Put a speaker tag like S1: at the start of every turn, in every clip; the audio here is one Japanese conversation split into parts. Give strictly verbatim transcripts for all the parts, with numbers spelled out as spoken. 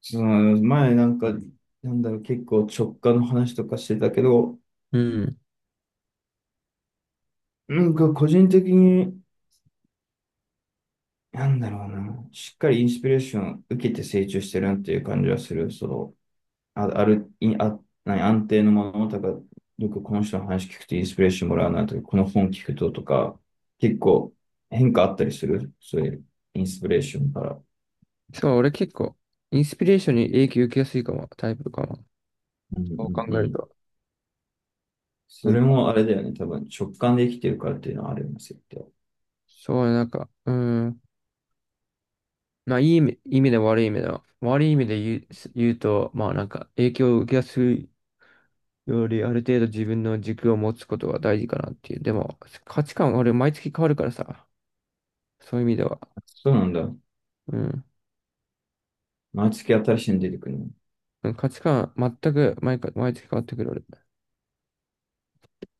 S1: そう、前なんか、なんだろう、結構直感の話とかしてたけど、
S2: うん。
S1: なんか個人的に、なんだろうな、しっかりインスピレーション受けて成長してるなっていう感じはする。その、あ、ある、いあ、何、安定のものとか、よくこの人の話聞くとインスピレーションもらうなとか、この本聞くととか、結構変化あったりする。そういうインスピレーションから。
S2: そう、俺結構、インスピレーションに影響受けやすいかも、タイプかも。
S1: うんう
S2: そう考
S1: んう
S2: える
S1: ん。
S2: と。な
S1: そ
S2: ん
S1: れ
S2: か
S1: もあれだよね。多分直感で生きてるからっていうのはあるんですよ。
S2: そう、なんか、うん。まあ、いい意味、意味で悪い意味では。悪い意味で言う、言うと、まあ、なんか、影響を受けやすいより、ある程度自分の軸を持つことが大事かなっていう。でも、価値観、俺、毎月変わるからさ。そういう意味では。
S1: そうなんだ。
S2: うん。
S1: 毎月新しいの出てくるの。
S2: うん、価値観、全く毎回、毎月変わってくる、俺。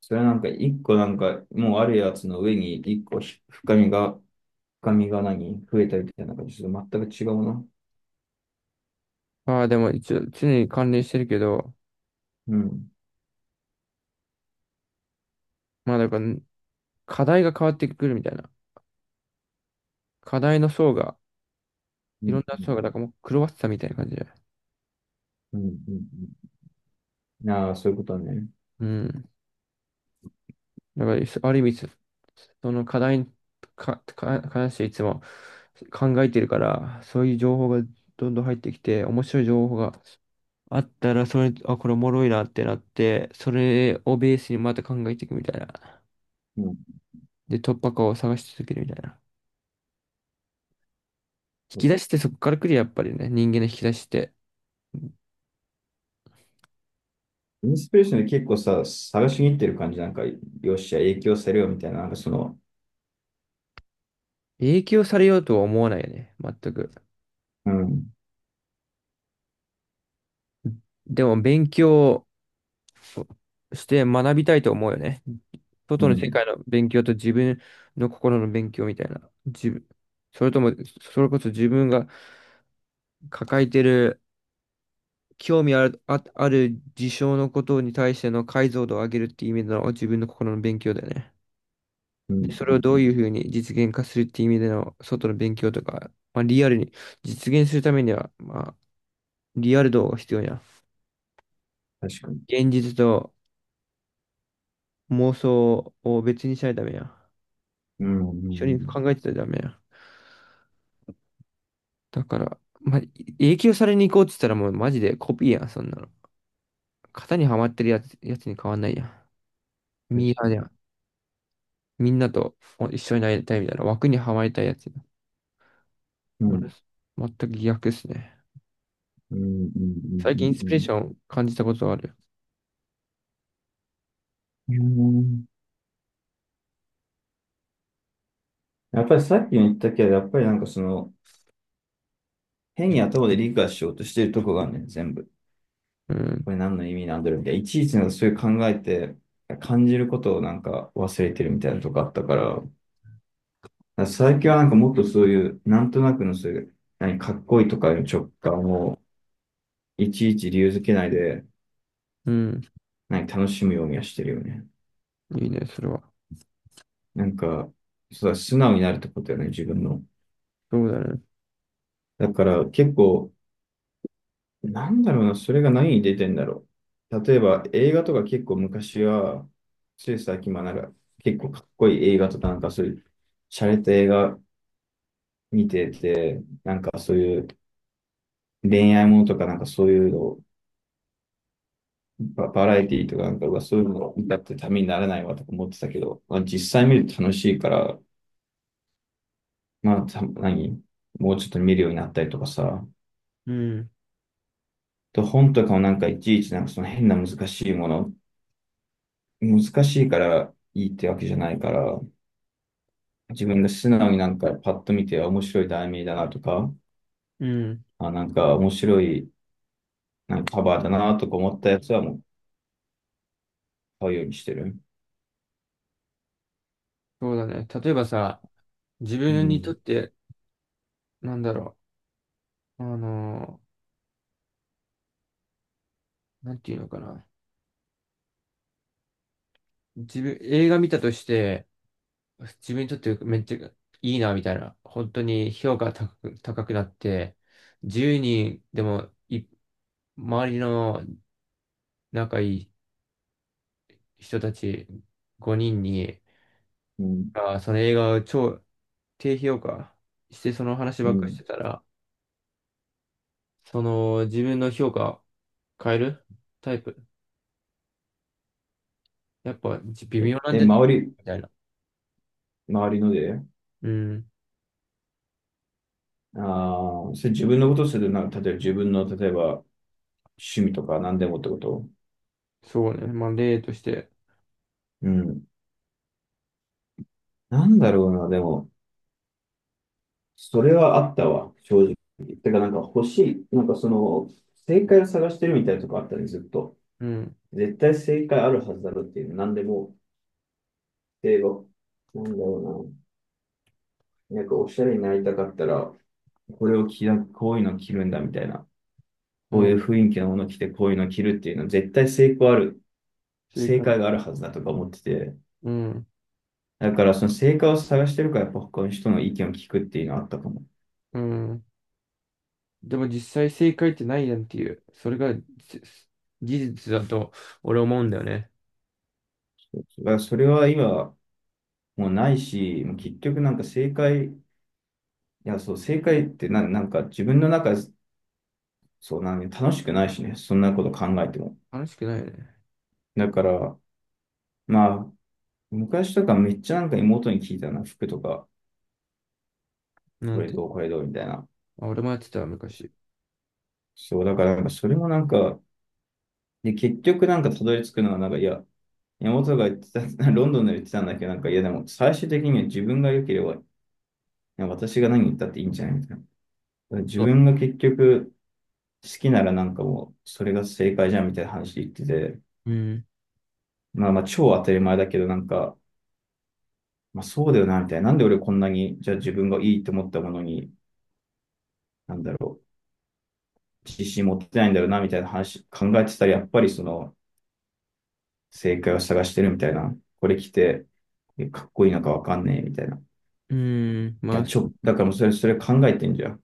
S1: それなんか一個なんかもうあるやつの上に一個深みが、深みが何増えたみたいな感じ。ちょっと全く違うな。
S2: まあ、でも、一応、常に関連してるけど、
S1: うん。
S2: まあ、だから、課題が変わってくるみたいな。課題の層が、
S1: う
S2: いろ
S1: ん。
S2: んな
S1: う
S2: 層が、だから
S1: ん。
S2: もう狂わせたみたいな感じで。
S1: うん。うん、ああー、そういうことね。
S2: うん。だから、そある意味、そその課題にか、か、関していつも考えてるから、そういう情報がどんどん入ってきて、面白い情報があったら、それ、あ、これおもろいなってなって、それをベースにまた考えていくみたいな。
S1: うん。
S2: で、突破口を探し続けるみたいな。引き出しってそこから来るやっぱりね、人間の引き出しって。
S1: インスピレーションで結構さ、探しに行ってる感じ。なんか、よっしゃ、影響されよみたいな。なんかその、
S2: 影響されようとは思わないよね、全く。
S1: うん。
S2: でも勉強そうして学びたいと思うよね。
S1: う
S2: 外の世
S1: ん。
S2: 界の勉強と自分の心の勉強みたいな。自分、それとも、それこそ自分が抱えてる興味ある、あ、ある事象のことに対しての解像度を上げるっていう意味での自分の心の勉強だよね。
S1: うん。う
S2: で、
S1: ん
S2: それをど
S1: う
S2: ういう
S1: ん、
S2: ふうに実現化するっていう意味での外の勉強とか、まあ、リアルに実現するためには、まあ、リアル度が必要やん。
S1: 確かに。
S2: 現実と妄想を別にしないためやん。
S1: うん。うんう
S2: 一緒に
S1: ん、
S2: 考えてたらダメや。だから、ま、影響されに行こうって言ったらもうマジでコピーやん、そんなの。型にはまってるやつ、やつに変わんないやん。
S1: 確
S2: ミー
S1: か
S2: ハー
S1: に。
S2: やん。みんなと一緒になりたいみたいな枠にはまりたいやつ。
S1: う
S2: 俺、
S1: ん。
S2: 全く逆っすね。
S1: うん。うん。
S2: 最近インス
S1: う
S2: ピレーシ
S1: ん。
S2: ョン感じたことある。
S1: うん。うん、やっぱりさっきも言ったけど、やっぱりなんかその、変に頭で理解しようとしているとこがあるね、全部。
S2: うん、
S1: これ何の意味なんだろうみたいな。いちいちなんかそういう考えて、感じることをなんか忘れてるみたいなとこあったから、だから最近はなんかもっとそういう、なんとなくのそういう、何かっこいいとかいう直感を、いちいち理由づけないで、
S2: うん、
S1: 何楽しむようにはしてるよね。
S2: いいね、それは。
S1: なんか、そうだ、素直になるってことよね、自分の。
S2: そうだね。
S1: だから結構、なんだろうな、それが何に出てんだろう。例えば映画とか結構昔は、つい最近まなんか結構かっこいい映画とかなんかそういう、洒落た映画見てて、なんかそういう恋愛ものとかなんかそういうの、バ、バラエティーとかなんかうわそういうの見たってためにならないわとか思ってたけど、まあ、実際見ると楽しいから、まあた、何もうちょっと見るようになったりとかさ、
S2: うん、
S1: と本とかもなんかいちいちなんかその変な難しいもの、難しいからいいってわけじゃないから、自分が素直になんかパッと見て面白い題名だなとか、
S2: うん、
S1: あ、なんか面白いなんかカバーだなとか思ったやつはもう買うようにしてる。
S2: そうだね。例えばさ、自
S1: う
S2: 分にとっ
S1: ん、
S2: て、なんだろう、あのーなんていうのかな。自分、映画見たとして、自分にとってめっちゃいいな、みたいな。本当に評価が高く、高くなって、じゅうにんでもい、周りの仲いい人たちごにんに、
S1: うん、
S2: あー、その映画を超低評価してその話
S1: う
S2: ばっかりして
S1: ん。
S2: たら、その自分の評価変えるタイプ。やっぱじ微
S1: え、
S2: 妙なん
S1: え、
S2: じゃない
S1: 周り、
S2: みたいな。
S1: 周りので、
S2: うん。
S1: ああ、それ自分のことするな、例えば自分の、例えば趣味とか何でもってこと。
S2: そうね。まあ例として。
S1: うん。なんだろうな、でも、それはあったわ、正直。てか、なんか欲しい、なんかその、正解を探してるみたいなとこあったね、ずっと。
S2: うん。
S1: 絶対正解あるはずだろうっていう、何でも例えば、なんだろうな。なんかおしゃれになりたかったら、これを着な、こういうの着るんだみたいな。
S2: う
S1: こうい
S2: ん。
S1: う雰囲気のもの着て、こういうの着るっていうのは絶対成功ある、
S2: 正
S1: 正解
S2: 解。
S1: があるはずだとか思ってて。
S2: うん。
S1: だからその正解を探してるから、やっぱ他の人の意見を聞くっていうのはあったかも。
S2: うん。でも実際正解ってないやんっていう、それがじ事実だと俺思うんだよね。
S1: そだからそれは今、もうないし、もう結局なんか正解、いや、そう、正解ってな、なんか自分の中、そうなん楽しくないしね、そんなこと考えても。
S2: 楽しくないよね。
S1: だから、まあ、昔とかめっちゃなんか妹に聞いたな、服とか、
S2: な
S1: こ
S2: ん
S1: れ
S2: て。
S1: どう、これどうみたいな。
S2: あ、俺もやってた昔。
S1: そう、だからなんかそれもなんか、で、結局なんかたどり着くのはなんか、いや、妹が言ってた、ロンドンで言ってたんだけど、なんか、いやでも最終的には自分が良ければ、いや私が何言ったっていいんじゃないみたいな。だから自
S2: そう、
S1: 分が結局好きならなんかもう、それが正解じゃんみたいな話で言ってて、
S2: うん。
S1: まあまあ超当たり前だけど、なんか、まあそうだよな、みたいな。なんで俺こんなに、じゃあ自分がいいと思ったものに、なんだろう。自信持ってないんだろうな、みたいな話考えてたら、やっぱりその、正解を探してるみたいな。これ着て、かっこいいのかわかんねえ、みたいな。い
S2: うん。ま
S1: や、
S2: あ、
S1: ちょ、だからもうそれ、それ考えてんじゃん。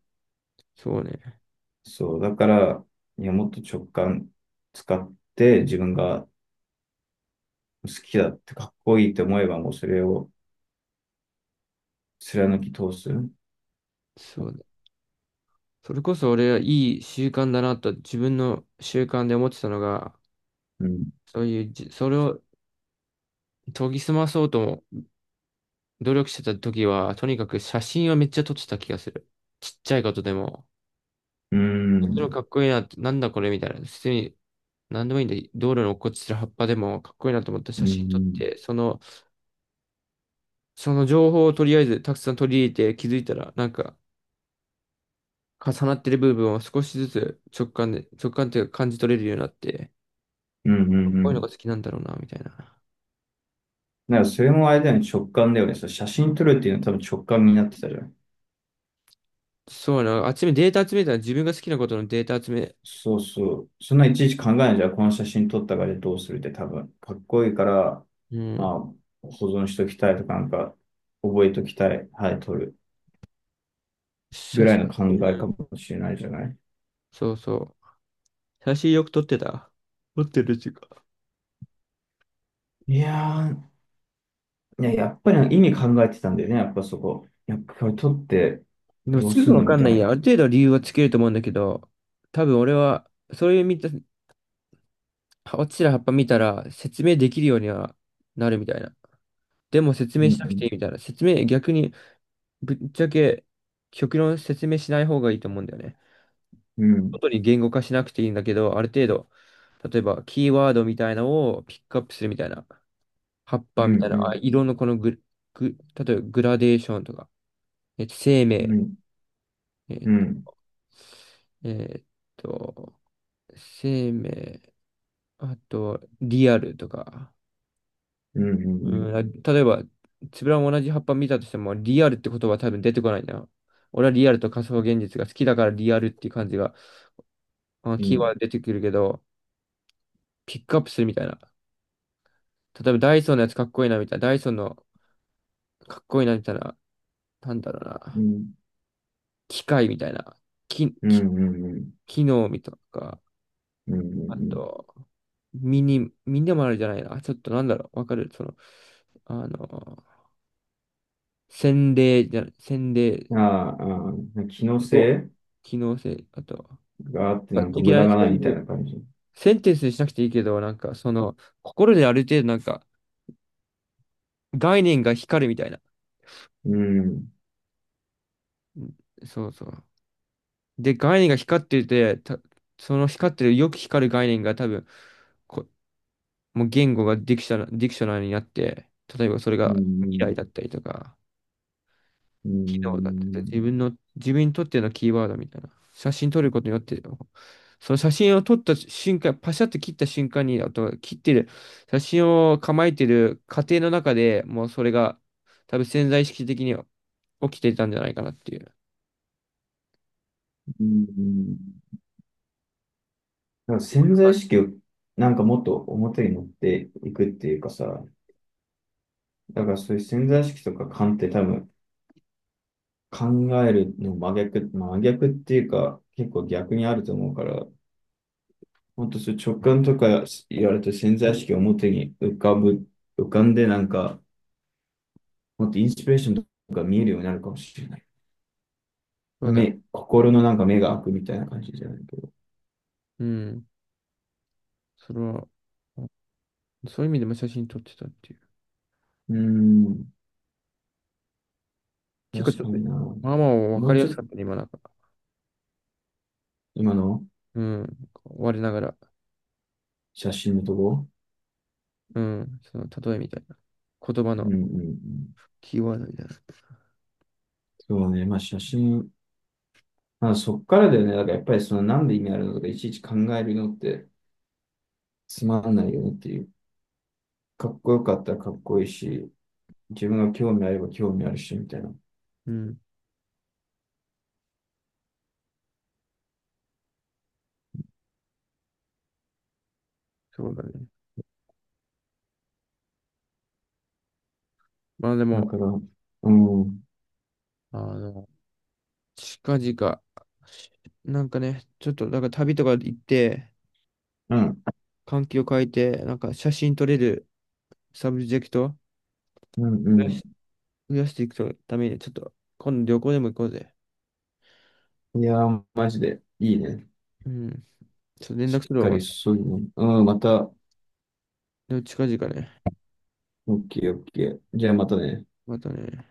S2: そうね。
S1: そう、だから、いや、もっと直感使って、自分が好きだってかっこいいって思えば、もうそれを貫き通す。う
S2: そうね。それこそ俺はいい習慣だなと自分の習慣で思ってたのが、
S1: ん。
S2: そういうじ、それを研ぎ澄まそうとも努力してた時は、とにかく写真をめっちゃ撮ってた気がする。ちっちゃいことでも。
S1: う
S2: こっちの
S1: ん。
S2: かっこいいなって、なんだこれみたいな。普通に、なんでもいいんで、道路に落っこちてる葉っぱでもかっこいいなと思って
S1: う
S2: 写真撮っ
S1: ん。
S2: て、その、その情報をとりあえずたくさん取り入れて気づいたら、なんか重なってる部分を少しずつ直感で、直感っていうか感じ取れるようになって、
S1: うん。うん。
S2: かっ
S1: う
S2: こいいのが
S1: ん。
S2: 好きなんだろうな、みたいな。
S1: だからそれもあれだよね、直感だよね。その写真撮るっていうのは多分直感になってたじゃん。
S2: そうな、集め、データ集めたら自分が好きなことのデータ集め、
S1: そうそう。そんないちいち考えないじゃん。この写真撮ったからどうするって多分。かっこいいから、
S2: う
S1: ま
S2: ん、
S1: あ、保存しときたいとか、なんか、覚えときたい。はい、撮る。ぐ
S2: 写
S1: らい
S2: 真、
S1: の考
S2: う
S1: えか
S2: ん、
S1: もしれないじゃない。
S2: そうそう。写真よく撮ってた。撮ってるか
S1: いやー、いや、やっぱり意味考えてたんだよね。やっぱそこ。やっぱこれ撮って
S2: でも
S1: どう
S2: す
S1: す
S2: ぐ
S1: ん
S2: わ
S1: の
S2: か
S1: み
S2: ん
S1: たい
S2: ない
S1: な。
S2: や。ある程度理由はつけると思うんだけど、多分俺は、そういう見た、落ちてる葉っぱ見たら説明できるようにはなるみたいな。でも説
S1: う
S2: 明しなくて
S1: ん、
S2: いいみたいな。説明、逆にぶっちゃけ極論説明しない方がいいと思うんだよね。
S1: うん、
S2: 外に言語化しなくていいんだけど、ある程度、例えばキーワードみたいなのをピックアップするみたいな。葉っ
S1: うん、
S2: ぱ
S1: う
S2: みたいな、あ、
S1: ん、
S2: 色のこのグ、グ、例えばグラデーションとか、えっと、生
S1: う
S2: 命、
S1: ん、
S2: えっ
S1: うん、う
S2: と、
S1: ん、
S2: えっと生命、あと、リアルとか。
S1: うん、
S2: うん、例えば、つぶらも同じ葉っぱ見たとしても、リアルって言葉は多分出てこないな。俺はリアルと仮想現実が好きだからリアルっていう感じが、まあ、
S1: うん、う
S2: キーワ
S1: ん、
S2: ード出てくるけど、ピックアップするみたいな。例えばダイソーのやつかっこいいなみたいな、ダイソーのかっこいいなみたいな、なんだろう
S1: う
S2: な。
S1: ん、
S2: 機械みたいな。き、
S1: うん、
S2: き、
S1: うん、うん、
S2: 機能みたいなか。
S1: うん、う
S2: あ
S1: ん、
S2: と、ミニ、ミニもあるじゃないな。ちょっとなんだろう。わかるその、あの、洗礼じゃ、洗礼、
S1: うん、ああ、ああ機能
S2: お、
S1: 性
S2: 機能性、あとは、
S1: があって
S2: ま
S1: な
S2: あ
S1: んか
S2: 的
S1: 無
S2: な
S1: 駄
S2: ね、
S1: が
S2: そ
S1: な
S2: う
S1: い
S2: い
S1: みたい
S2: う、
S1: な感じ。
S2: センテンスにしなくていいけど、なんか、その、心である程度、なんか、概念が光るみたいな。
S1: うん。
S2: うん、そうそう。で、概念が光ってて、た、その光ってる、よく光る概念が多分、こ、もう言語がディクショナ、ディクショナリになって、例えばそれ
S1: う
S2: が未来
S1: ん。
S2: だったりとか、
S1: う
S2: 機能だってて、
S1: ん。
S2: 自分の、自分にとってのキーワードみたいな。写真撮ることによって、その写真を撮った瞬間、パシャッと切った瞬間に、あとは切ってる、写真を構えてる過程の中でもうそれが多分潜在意識的には起きていたんじゃないかなっていう。
S1: うん。なんか潜在意識をなんかもっと表に持っていくっていうかさ、だからそういう潜在意識とか勘って多分考えるの真逆、真逆っていうか結構逆にあると思うから、ほんとそういう直感とか言われて潜在意識を表に浮かぶ、浮かんでなんかもっとインスピレーションとか見えるようになるかもしれない。
S2: そうだよ。
S1: 目、心のなんか目が開くみたいな感じじゃないけど。
S2: うん。それは、そういう意味でも写真撮ってたっていう。
S1: うーん、
S2: 結構ち
S1: 確
S2: ょっ
S1: か
S2: と、
S1: にな。
S2: まあまあ分
S1: も
S2: か
S1: う
S2: りや
S1: ちょっ
S2: す
S1: と、
S2: かったね、今なんか。
S1: 今の
S2: うん。我ながら。
S1: 写真のとこ。
S2: うん。その例えみたいな。言葉
S1: うん
S2: の
S1: うんうん。
S2: キーワードみたいな。
S1: そうね、まあ写真、まあそっからだよね、だからやっぱりそのなんで意味あるのとかいちいち考えるのってつまんないよねっていう。かっこよかったらかっこいいし、自分が興味あれば興味あるし、みたいな。
S2: うん。そうだね。まあで
S1: だ
S2: も、
S1: から、うん、うん、
S2: あの、近々、なんかね、ちょっと、なんか旅とか行って、環境を変えて、なんか写真撮れるサブジェクトを
S1: うん、
S2: 増
S1: う
S2: やし、
S1: ん。
S2: 増やしていくために、ちょっと、今度旅行でも行こうぜ。
S1: いやー、マジでいいね。
S2: うん。ちょっと連
S1: し
S2: 絡
S1: っ
S2: するわ、
S1: か
S2: ま
S1: り
S2: た。
S1: そういうの。うん、また、オ
S2: でも近々ね。
S1: ッケーオッケー。じゃあまたね。
S2: またね。